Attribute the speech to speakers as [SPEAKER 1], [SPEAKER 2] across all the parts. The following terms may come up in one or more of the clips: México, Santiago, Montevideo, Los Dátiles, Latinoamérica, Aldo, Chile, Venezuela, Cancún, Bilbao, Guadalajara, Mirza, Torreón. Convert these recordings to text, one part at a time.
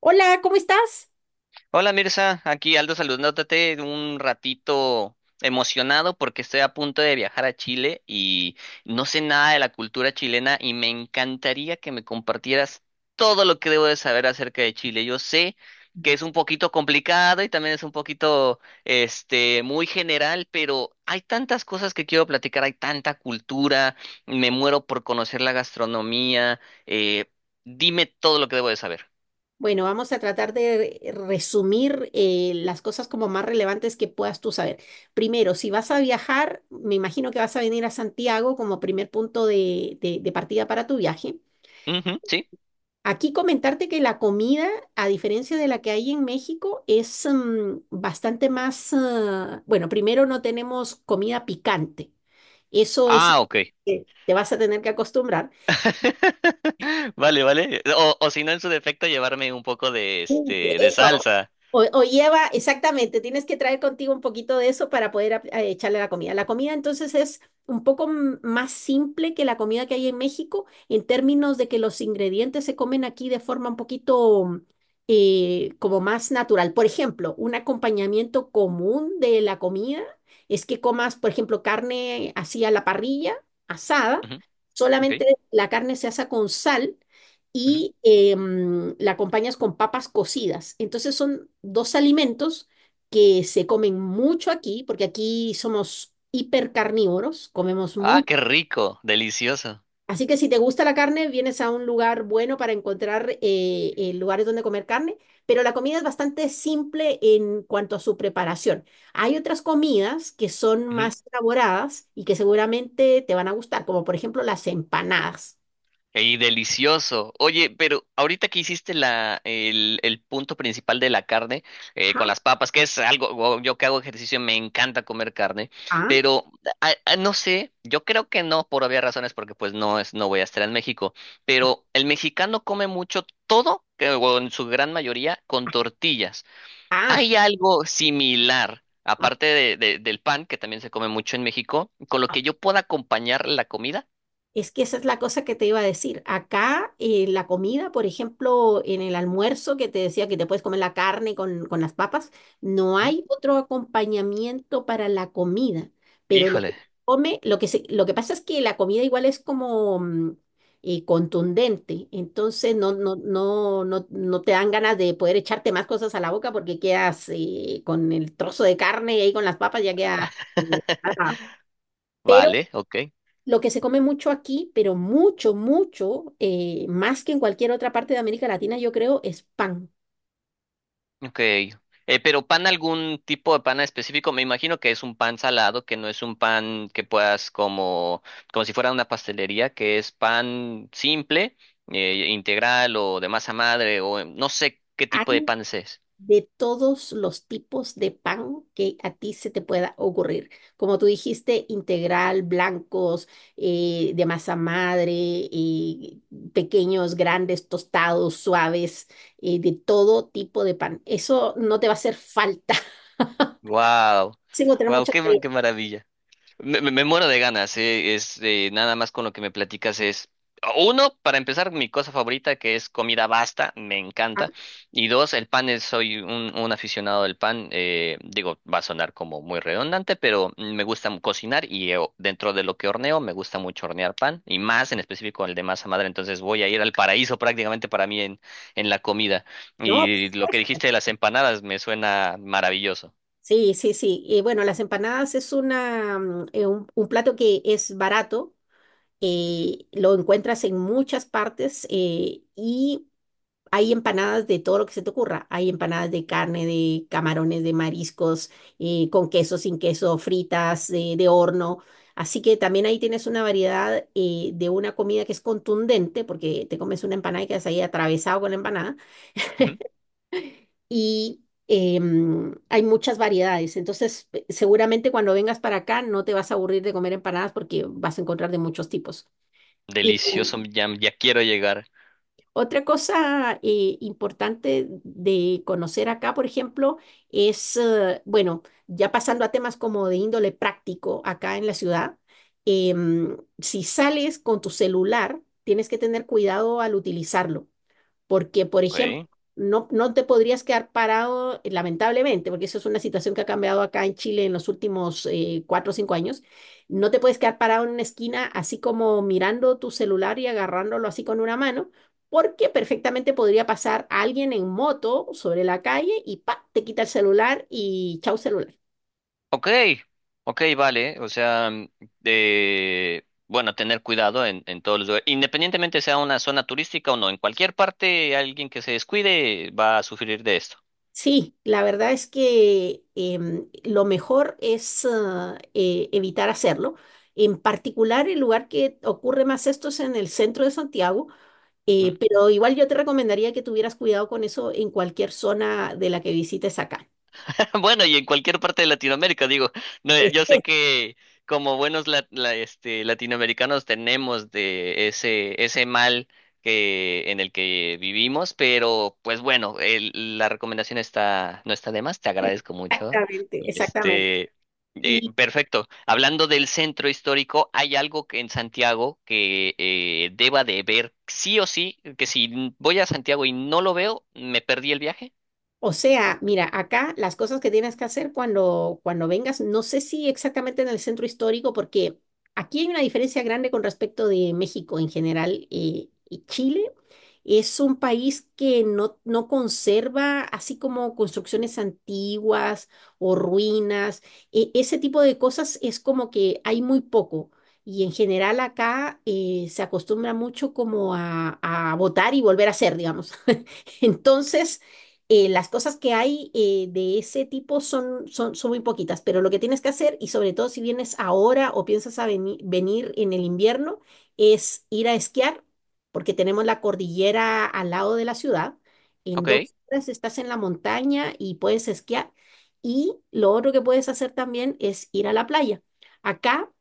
[SPEAKER 1] Hola, ¿cómo estás?
[SPEAKER 2] Hola Mirza, aquí Aldo saludándote un ratito emocionado porque estoy a punto de viajar a Chile y no sé nada de la cultura chilena y me encantaría que me compartieras todo lo que debo de saber acerca de Chile. Yo sé que es un poquito complicado y también es un poquito muy general, pero hay tantas cosas que quiero platicar, hay tanta cultura, me muero por conocer la gastronomía, eh, dime todo lo que debo de saber.
[SPEAKER 1] Bueno, vamos a tratar de resumir las cosas como más relevantes que puedas tú saber. Primero, si vas a viajar, me imagino que vas a venir a Santiago como primer punto de partida para tu viaje.
[SPEAKER 2] Ujú, ¿sí?
[SPEAKER 1] Aquí comentarte que la comida, a diferencia de la que hay en México, es bastante más, bueno, primero no tenemos comida picante. Eso es,
[SPEAKER 2] Ah, ok.
[SPEAKER 1] te vas a tener que acostumbrar.
[SPEAKER 2] Vale, vale. O si no, en su defecto, llevarme un poco de
[SPEAKER 1] Uy, que
[SPEAKER 2] de
[SPEAKER 1] eso.
[SPEAKER 2] salsa.
[SPEAKER 1] O lleva, exactamente, tienes que traer contigo un poquito de eso para poder echarle a la comida. La comida entonces es un poco más simple que la comida que hay en México en términos de que los ingredientes se comen aquí de forma un poquito como más natural. Por ejemplo, un acompañamiento común de la comida es que comas, por ejemplo, carne así a la parrilla, asada,
[SPEAKER 2] Ujú, ok.
[SPEAKER 1] solamente la carne se asa con sal
[SPEAKER 2] Ujú.
[SPEAKER 1] y la acompañas con papas cocidas. Entonces son dos alimentos que se comen mucho aquí, porque aquí somos hipercarnívoros, comemos
[SPEAKER 2] Ah,
[SPEAKER 1] mucho.
[SPEAKER 2] qué rico, delicioso.
[SPEAKER 1] Así que si te gusta la carne, vienes a un lugar bueno para encontrar lugares donde comer carne, pero la comida es bastante simple en cuanto a su preparación. Hay otras comidas que son más elaboradas y que seguramente te van a gustar, como por ejemplo las empanadas.
[SPEAKER 2] Y delicioso. Oye, pero ahorita que hiciste el punto principal de la carne
[SPEAKER 1] Ajá,
[SPEAKER 2] con las papas, que es algo, wow, yo que hago ejercicio me encanta comer carne,
[SPEAKER 1] ajá,
[SPEAKER 2] pero no sé, yo creo que no por obvias razones, porque pues no voy a estar en México, pero el mexicano come mucho todo, o en su gran mayoría, con tortillas.
[SPEAKER 1] ajá,
[SPEAKER 2] Hay algo similar.
[SPEAKER 1] ajá.
[SPEAKER 2] Aparte del pan, que también se come mucho en México, con lo que yo pueda acompañar la comida.
[SPEAKER 1] Es que esa es la cosa que te iba a decir. Acá la comida, por ejemplo, en el almuerzo que te decía que te puedes comer la carne con las papas, no
[SPEAKER 2] Ujú.
[SPEAKER 1] hay otro acompañamiento para la comida. Pero lo que
[SPEAKER 2] Híjole.
[SPEAKER 1] se come, lo que pasa es que la comida igual es como contundente. Entonces no te dan ganas de poder echarte más cosas a la boca porque quedas con el trozo de carne y ahí con las papas ya quedas. eh,
[SPEAKER 2] Vale, ok,
[SPEAKER 1] lo que se come mucho aquí, pero mucho, mucho, más que en cualquier otra parte de América Latina, yo creo, es pan.
[SPEAKER 2] ok. Pero pan, algún tipo de pan específico, me imagino que es un pan salado, que no es un pan que puedas como, como si fuera una pastelería, que es pan simple, integral o de masa madre, o no sé qué
[SPEAKER 1] Hay
[SPEAKER 2] tipo de pan es.
[SPEAKER 1] de todos los tipos de pan que a ti se te pueda ocurrir. Como tú dijiste, integral, blancos, de masa madre, y pequeños, grandes, tostados, suaves, de todo tipo de pan. Eso no te va a hacer falta.
[SPEAKER 2] Wow,
[SPEAKER 1] Sin encontrar
[SPEAKER 2] wow,
[SPEAKER 1] mucha
[SPEAKER 2] qué,
[SPEAKER 1] variedad,
[SPEAKER 2] qué maravilla. Me muero de ganas. Es Nada más con lo que me platicas es uno, para empezar, mi cosa favorita, que es comida basta, me encanta. Y dos, el pan. Es, soy un aficionado del pan. Digo, va a sonar como muy redundante, pero me gusta cocinar y dentro de lo que horneo, me gusta mucho hornear pan y más en específico el de masa madre. Entonces voy a ir al paraíso prácticamente para mí en la comida.
[SPEAKER 1] ¿no? Por
[SPEAKER 2] Y lo que
[SPEAKER 1] supuesto.
[SPEAKER 2] dijiste de las empanadas me suena maravilloso.
[SPEAKER 1] Sí, sí, sí. Bueno, las empanadas es una, un plato que es barato, lo encuentras en muchas partes y hay empanadas de todo lo que se te ocurra. Hay empanadas de carne, de camarones, de mariscos, con queso, sin queso, fritas, de horno. Así que también ahí tienes una variedad de una comida que es contundente, porque te comes una empanada y quedas ahí atravesado con la empanada
[SPEAKER 2] Ujú.
[SPEAKER 1] y hay muchas variedades. Entonces, seguramente cuando vengas para acá no te vas a aburrir de comer empanadas porque vas a encontrar de muchos tipos. Y
[SPEAKER 2] Delicioso, ya, ya quiero llegar.
[SPEAKER 1] otra cosa importante de conocer acá, por ejemplo, es, bueno, ya pasando a temas como de índole práctico acá en la ciudad, si sales con tu celular, tienes que tener cuidado al utilizarlo. Porque, por ejemplo,
[SPEAKER 2] Ok.
[SPEAKER 1] no te podrías quedar parado, lamentablemente, porque eso es una situación que ha cambiado acá en Chile en los últimos 4 o 5 años. No te puedes quedar parado en una esquina así como mirando tu celular y agarrándolo así con una mano, porque perfectamente podría pasar alguien en moto sobre la calle y pa, te quita el celular y chau celular.
[SPEAKER 2] Ok, ok, vale. O sea, de, bueno, tener cuidado en todos los lugares. Independientemente sea una zona turística o no, en cualquier parte alguien que se descuide va a sufrir de esto.
[SPEAKER 1] Sí, la verdad es que lo mejor es evitar hacerlo. En particular, el lugar que ocurre más esto es en el centro de Santiago,
[SPEAKER 2] ¿Mm?
[SPEAKER 1] pero igual yo te recomendaría que tuvieras cuidado con eso en cualquier zona de la que visites acá.
[SPEAKER 2] Bueno, y en cualquier parte de Latinoamérica, digo, no,
[SPEAKER 1] Es-
[SPEAKER 2] yo sé que como buenos latinoamericanos tenemos de ese, ese mal en el que vivimos, pero pues bueno, la recomendación está, no está de más. Te agradezco mucho.
[SPEAKER 1] Exactamente, exactamente.
[SPEAKER 2] Este, Perfecto. Hablando del centro histórico, ¿hay algo que en Santiago que deba de ver sí o sí? Que si voy a Santiago y no lo veo, me perdí el viaje.
[SPEAKER 1] O sea, mira, acá las cosas que tienes que hacer cuando, cuando vengas, no sé si exactamente en el centro histórico, porque aquí hay una diferencia grande con respecto de México en general y Chile. Es un país que no conserva así como construcciones antiguas o ruinas. Ese tipo de cosas es como que hay muy poco. Y en general acá se acostumbra mucho como a votar y volver a hacer, digamos. Entonces, las cosas que hay de ese tipo son, son, son muy poquitas, pero lo que tienes que hacer, y sobre todo si vienes ahora o piensas a venir en el invierno, es ir a esquiar, porque tenemos la cordillera al lado de la ciudad. En
[SPEAKER 2] Ok.
[SPEAKER 1] 2 horas estás en la montaña y puedes esquiar. Y lo otro que puedes hacer también es ir a la playa. Acá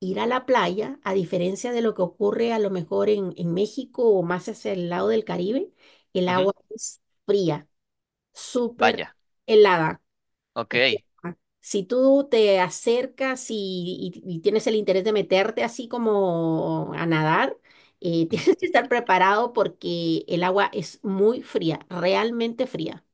[SPEAKER 1] ir a la playa, a diferencia de lo que ocurre a lo mejor en México o más hacia el lado del Caribe, el
[SPEAKER 2] Ujú.
[SPEAKER 1] agua es fría, súper
[SPEAKER 2] Vaya.
[SPEAKER 1] helada. O sea,
[SPEAKER 2] Ok.
[SPEAKER 1] si tú te acercas y tienes el interés de meterte así como a nadar,
[SPEAKER 2] Ujú.
[SPEAKER 1] tienes que estar preparado porque el agua es muy fría, realmente fría.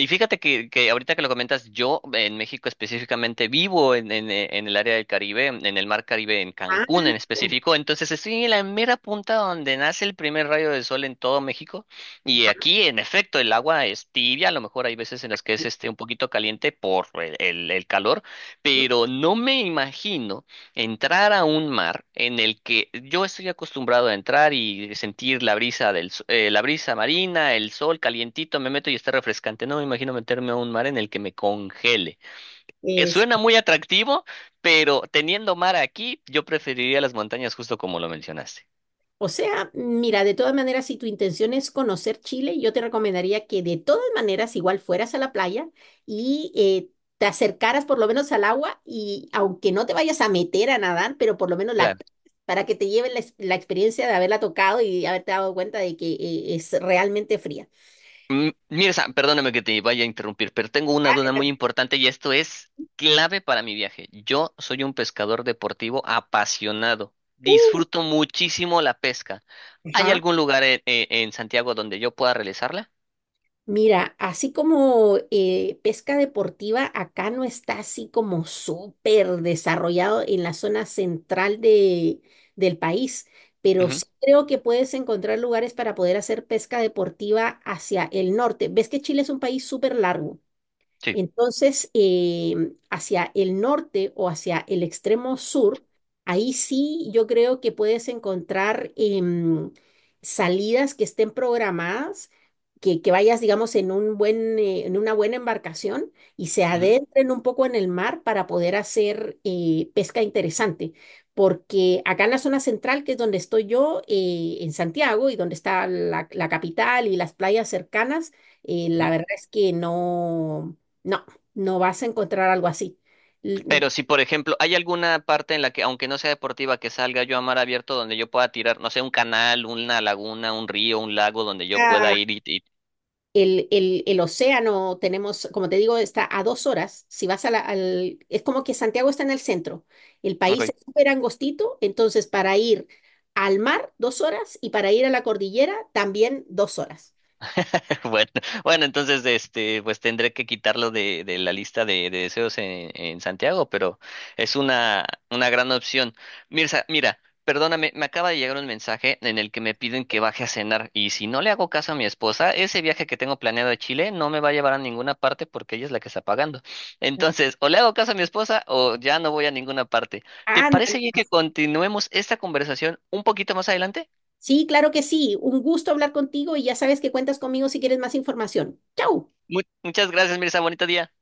[SPEAKER 2] Y fíjate que ahorita que lo comentas, yo en México específicamente vivo en el área del Caribe, en el mar Caribe, en
[SPEAKER 1] Ah,
[SPEAKER 2] Cancún en específico. Entonces estoy en la mera punta donde nace el primer rayo de sol en todo México. Y aquí, en efecto, el agua es tibia. A lo mejor hay veces en las que es un poquito caliente por el calor, pero no me imagino. Entrar a un mar en el que yo estoy acostumbrado a entrar y sentir la brisa del, s- la brisa marina, el sol calientito, me meto y está refrescante. No me imagino meterme a un mar en el que me congele.
[SPEAKER 1] eh,
[SPEAKER 2] Suena muy atractivo, pero teniendo mar aquí, yo preferiría las montañas justo como lo mencionaste.
[SPEAKER 1] O sea, mira, de todas maneras, si tu intención es conocer Chile, yo te recomendaría que de todas maneras igual fueras a la playa y te acercaras por lo menos al agua y aunque no te vayas a meter a nadar, pero por lo menos la
[SPEAKER 2] Claro.
[SPEAKER 1] toques para que te lleven la, la experiencia de haberla tocado y haberte dado cuenta de que es realmente fría.
[SPEAKER 2] Mm, Mirza, perdóname que te vaya a interrumpir, pero tengo una duda muy importante y esto es clave para mi viaje. Yo soy un pescador deportivo apasionado.
[SPEAKER 1] Uh,
[SPEAKER 2] Disfruto muchísimo la pesca. ¿Hay
[SPEAKER 1] Ajá.
[SPEAKER 2] algún lugar en Santiago donde yo pueda realizarla?
[SPEAKER 1] Mira, así como pesca deportiva, acá no está así como súper desarrollado en la zona central del país, pero
[SPEAKER 2] Ujú,
[SPEAKER 1] sí creo que puedes encontrar lugares para poder hacer pesca deportiva hacia el norte. Ves que Chile es un país súper largo.
[SPEAKER 2] sí.
[SPEAKER 1] Entonces, hacia el norte o hacia el extremo sur, ahí sí yo creo que puedes encontrar salidas que estén programadas, que vayas, digamos, en un buen, en una buena embarcación y se
[SPEAKER 2] Ujú,
[SPEAKER 1] adentren un poco en el mar para poder hacer pesca interesante. Porque acá en la zona central, que es donde estoy yo, en Santiago, y donde está la capital y las playas cercanas, la
[SPEAKER 2] ujú.
[SPEAKER 1] verdad es que no. No, no vas a encontrar algo así. L-
[SPEAKER 2] Pero si, por ejemplo, hay alguna parte en la que, aunque no sea deportiva, que salga yo a mar abierto donde yo pueda tirar, no sé, un canal, una laguna, un río, un lago donde yo pueda
[SPEAKER 1] Ah,
[SPEAKER 2] ir
[SPEAKER 1] El océano tenemos, como te digo, está a 2 horas. Si vas a es como que Santiago está en el centro. El país
[SPEAKER 2] Ok.
[SPEAKER 1] es súper angostito, entonces para ir al mar, 2 horas, y para ir a la cordillera, también 2 horas.
[SPEAKER 2] Bueno, bueno, entonces pues tendré que quitarlo de la lista de deseos en Santiago, pero es una gran opción. Mirza, mira, perdóname, me acaba de llegar un mensaje en el que me piden que baje a cenar y si no le hago caso a mi esposa, ese viaje que tengo planeado a Chile no me va a llevar a ninguna parte porque ella es la que está pagando. Entonces, o le hago caso a mi esposa o ya no voy a ninguna parte. ¿Te
[SPEAKER 1] Anda,
[SPEAKER 2] parece bien que continuemos esta conversación un poquito más adelante?
[SPEAKER 1] sí, claro que sí. Un gusto hablar contigo y ya sabes que cuentas conmigo si quieres más información. ¡Chao!
[SPEAKER 2] Muchas gracias, Mirza, bonito día.